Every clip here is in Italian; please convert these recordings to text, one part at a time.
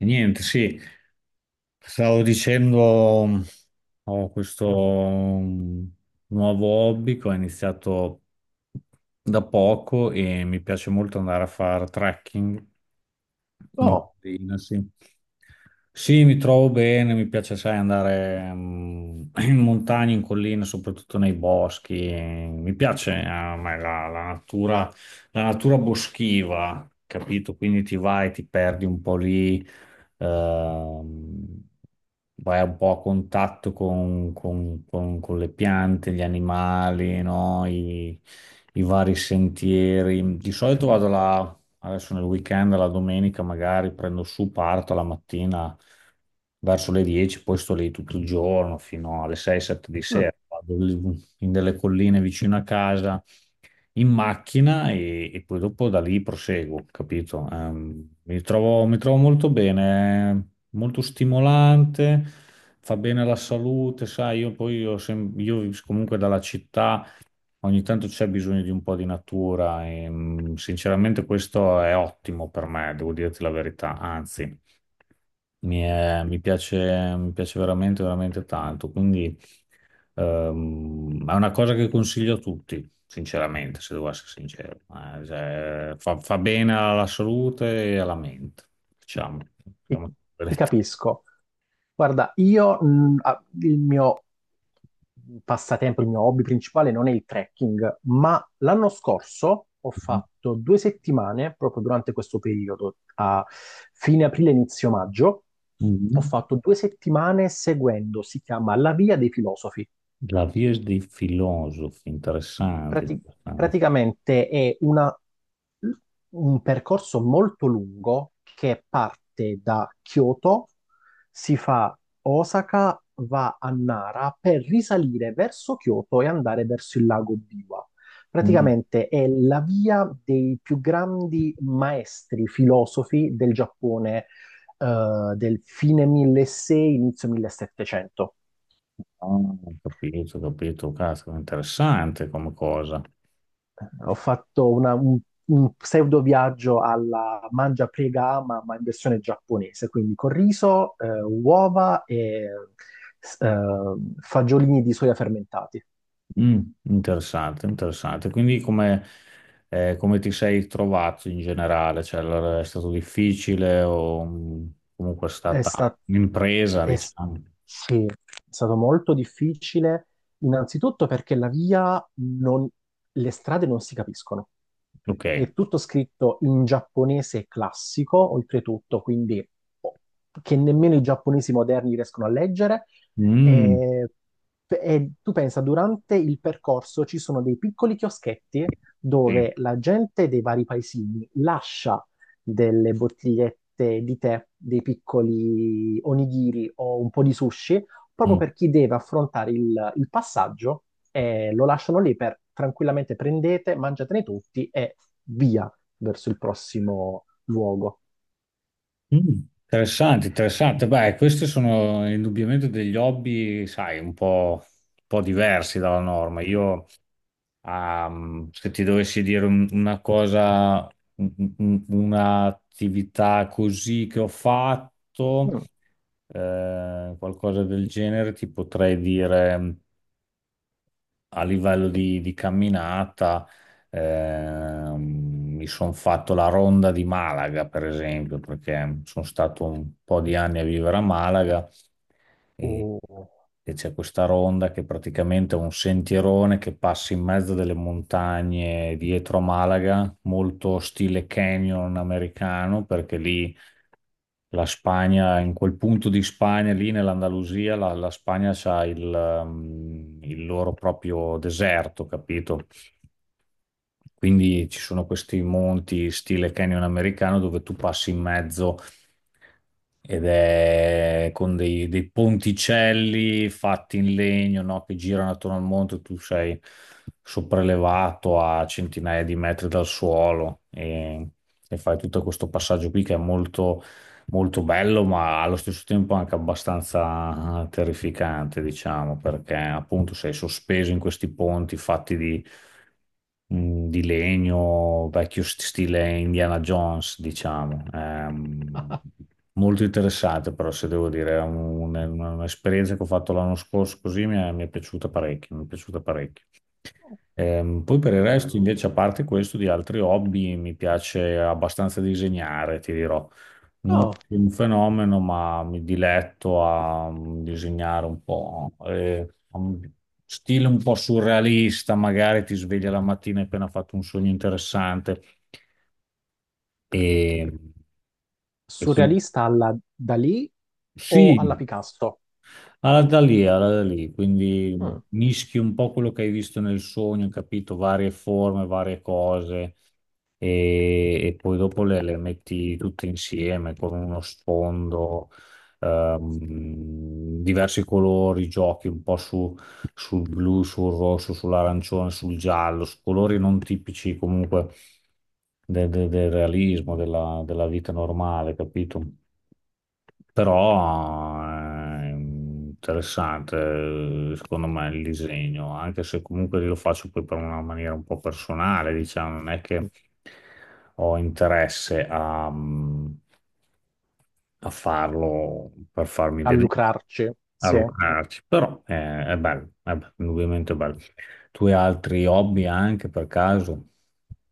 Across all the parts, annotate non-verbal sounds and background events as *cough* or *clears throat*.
Niente, sì, stavo dicendo, ho questo nuovo hobby che ho iniziato da poco e mi piace molto andare a fare trekking. Mm, Oh, bene, sì. Sì, mi trovo bene, mi piace, sai, andare *clears throat* in montagna, in collina, soprattutto nei boschi. Mi piace a me la natura, la natura boschiva, capito? Quindi ti vai, ti perdi un po' lì, ehm, vai un po' a contatto con le piante, gli animali, no? I vari sentieri. Di solito vado là. Adesso nel weekend, la domenica magari prendo su, parto la mattina verso le 10, poi sto lì tutto il giorno fino alle 6-7 di mm, sera. Vado lì in delle colline vicino a casa in macchina e poi dopo da lì proseguo, capito? Mi trovo molto bene, è molto stimolante, fa bene alla salute, sai, io comunque dalla città. Ogni tanto c'è bisogno di un po' di natura e sinceramente questo è ottimo per me, devo dirti la verità, anzi mi piace, veramente, veramente tanto, quindi è una cosa che consiglio a tutti, sinceramente, se devo essere sincero. Cioè, fa bene alla salute e alla mente, diciamo. ti, Diciamo la ti verità. capisco. Guarda, io il mio passatempo, il mio hobby principale non è il trekking, ma l'anno scorso ho fatto due settimane, proprio durante questo periodo, a fine aprile, inizio maggio, ho Mhm. fatto due settimane seguendo, si chiama La Via dei Filosofi. La via dei filosofi, interessante. Prati- Interessante. praticamente un percorso molto lungo che parte da Kyoto, si fa Osaka, va a Nara per risalire verso Kyoto e andare verso il lago Biwa. Praticamente è la via dei più grandi maestri filosofi del Giappone, del fine 1600, inizio 1700. Ah, ho capito, caspita, interessante come cosa. Ho fatto una- un pseudo viaggio alla mangia, prega, ama, ma in versione giapponese, quindi con riso, uova e s- eh, fagiolini di soia fermentati. Mm, interessante, interessante. Quindi come ti sei trovato in generale? Cioè, allora, è stato difficile o comunque è È stata stato, un'impresa, è, s- diciamo? Sì, è stato molto difficile, innanzitutto perché la via non, le strade non si capiscono. È Ok. tutto scritto in giapponese classico, oltretutto, quindi oh, che nemmeno i giapponesi moderni riescono a leggere. Mm, E, e tu pensa, durante il percorso ci sono dei piccoli chioschetti sì. dove la gente dei vari paesini lascia delle bottigliette di tè, dei piccoli onigiri o un po' di sushi proprio Mm. per chi deve affrontare il passaggio e lo lasciano lì per tranquillamente prendete, mangiatene tutti e via verso il prossimo luogo. Mm. Interessante, interessante. Beh, questi sono indubbiamente degli hobby, sai, un po' diversi dalla norma. Io, ah, se ti dovessi dire una cosa, un'attività così che ho fatto, Mm. Qualcosa del genere, ti potrei dire a livello di, camminata, ehm, mi sono fatto la ronda di Malaga, per esempio, perché sono stato un po' di anni a vivere a Malaga e, Oh. e c'è questa ronda che praticamente è un sentierone che passa in mezzo delle montagne dietro a Malaga, molto stile canyon americano, perché lì la Spagna, in quel punto di Spagna, lì nell'Andalusia, la Spagna ha il loro proprio deserto, capito? Quindi ci sono questi monti stile canyon americano dove tu passi in mezzo ed è con dei ponticelli fatti in legno, no? Che girano attorno al monte, tu sei sopraelevato a centinaia di metri dal suolo e fai tutto questo passaggio qui che è molto bello, ma allo stesso tempo anche abbastanza terrificante, diciamo, perché appunto sei sospeso in questi ponti fatti di legno, vecchio stile Indiana Jones, diciamo. *laughs* Molto interessante, però, se devo dire, è un'esperienza che ho fatto l'anno scorso, così mi è piaciuta parecchio, mi è piaciuta parecchio. Poi per il resto, Bello. invece, a parte questo, di altri hobby, mi piace abbastanza disegnare, ti dirò. Non Oh, sono un fenomeno, ma mi diletto a disegnare un po'. Un stile un po' surrealista, magari ti sveglia la mattina e hai appena fatto un sogno interessante. E, e quindi surrealista alla Dalì o alla sì, Picasso? alla da lì, alla da lì. Quindi Mm. mischi un po' quello che hai visto nel sogno, capito? Varie forme, varie cose. E poi dopo le metti tutte insieme con uno sfondo, diversi colori, giochi un po' su sul blu, sul rosso, sull'arancione, sul giallo, su colori non tipici comunque del realismo, della vita normale, capito? Però è interessante. Secondo me il disegno, anche se comunque lo faccio poi per una maniera un po' personale, diciamo, non è che ho interesse a... a farlo per farmi A vedere, lucrarci, a sì. lucrarci, però è bello, indubbiamente bello. Tu hai altri hobby anche per caso?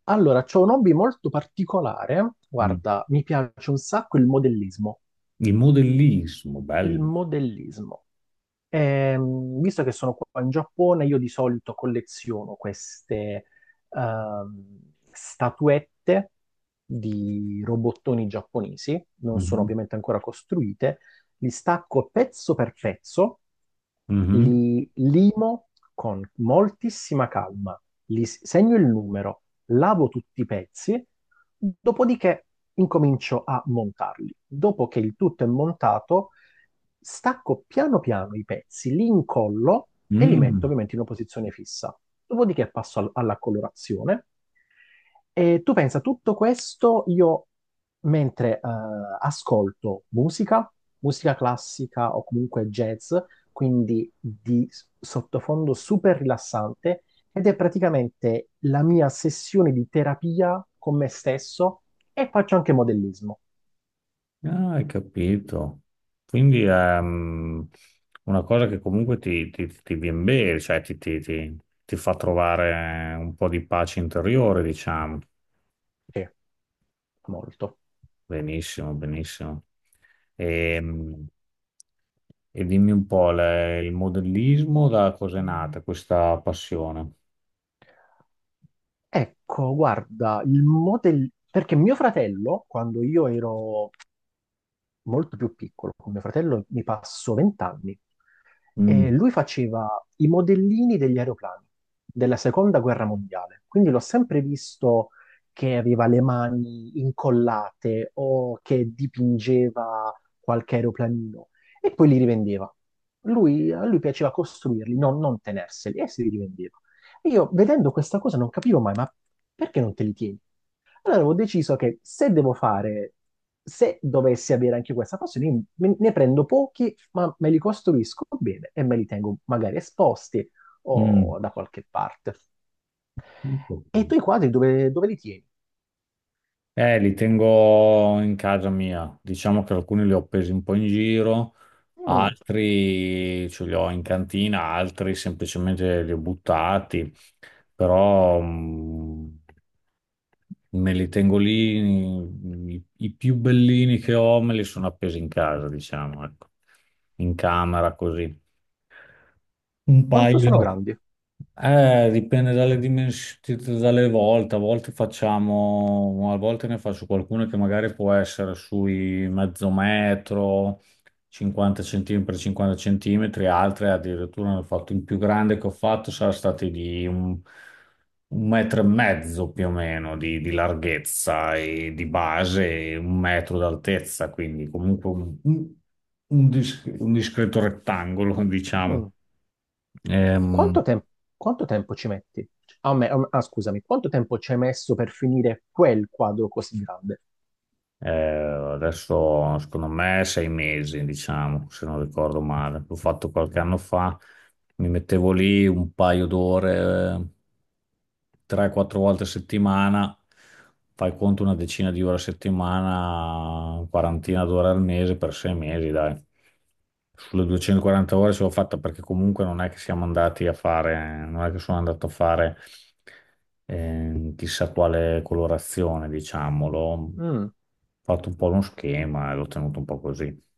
Allora, c'ho un hobby molto particolare. Mm. Guarda, mi piace un sacco il modellismo. Il modellismo, Il bello. modellismo. Visto che sono qua in Giappone, io di solito colleziono queste ehm, statuette di robottoni giapponesi, non sono Mhm. ovviamente ancora costruite, li stacco pezzo per pezzo, Mhm. li limo con moltissima calma, segno il numero, lavo tutti i pezzi, dopodiché incomincio a montarli. Dopo che il tutto è montato, stacco piano piano i pezzi, li incollo e li metto Mm. ovviamente in una posizione fissa. Dopodiché passo alla colorazione e tu pensa, tutto questo io mentre ascolto musica, musica classica o comunque jazz, quindi di sottofondo super rilassante, ed è praticamente la mia sessione di terapia con me stesso e faccio anche modellismo. Ah, hai capito. Quindi è una cosa che comunque ti viene bene, cioè ti fa trovare un po' di pace interiore, diciamo. Sì, molto. Benissimo, benissimo. Ehm, E, dimmi un po', il modellismo da cosa è nata questa passione? Ecco, guarda, il modello, perché mio fratello, quando io ero molto più piccolo, con mio fratello mi passo 20 anni, Mm, e lui faceva i modellini degli aeroplani della seconda guerra mondiale, quindi l'ho sempre visto che aveva le mani incollate o che dipingeva qualche aeroplanino e poi li rivendeva. Lui, a lui piaceva costruirli, non tenerseli, e se li rivendeva. E io vedendo questa cosa non capivo mai, ma perché non te li tieni? Allora avevo deciso che se devo fare, se dovessi avere anche questa passione, ne prendo pochi, ma me li costruisco bene e me li tengo magari esposti mm. o da qualche parte. E i tuoi quadri dove, dove li tieni? Li tengo in casa mia. Diciamo che alcuni li ho appesi un po' in giro, Mm, altri ce li ho in cantina, altri semplicemente li ho buttati. Però, me li tengo lì, i più bellini che ho me li sono appesi in casa, diciamo, ecco, in camera così. Un quanto sono paio. grandi? Dipende dalle dimensioni, dalle volte, a volte ne faccio qualcuno che magari può essere sui mezzo metro, 50 cm per 50 centimetri, altre addirittura ne ho fatto il più grande che ho fatto, sarà stato di un metro e mezzo più o meno di, larghezza e di base e un metro d'altezza, quindi comunque un discreto rettangolo, *laughs* diciamo. Mm, Ehm, quanto tem- quanto tempo ci metti? Ah, scusami, quanto tempo ci hai messo per finire quel quadro così grande? Adesso, secondo me, sei mesi, diciamo, se non ricordo male. L'ho fatto qualche anno fa, mi mettevo lì un paio d'ore. 3-4 volte a settimana, fai conto una decina di ore a settimana, quarantina d'ore al mese per 6 mesi, dai. Sulle 240 ore ce l'ho fatta perché comunque non è che siamo andati a fare, non è che sono andato a fare chissà quale colorazione, diciamolo. Ho Mm, fatto un po' uno schema e l'ho tenuto un po' così.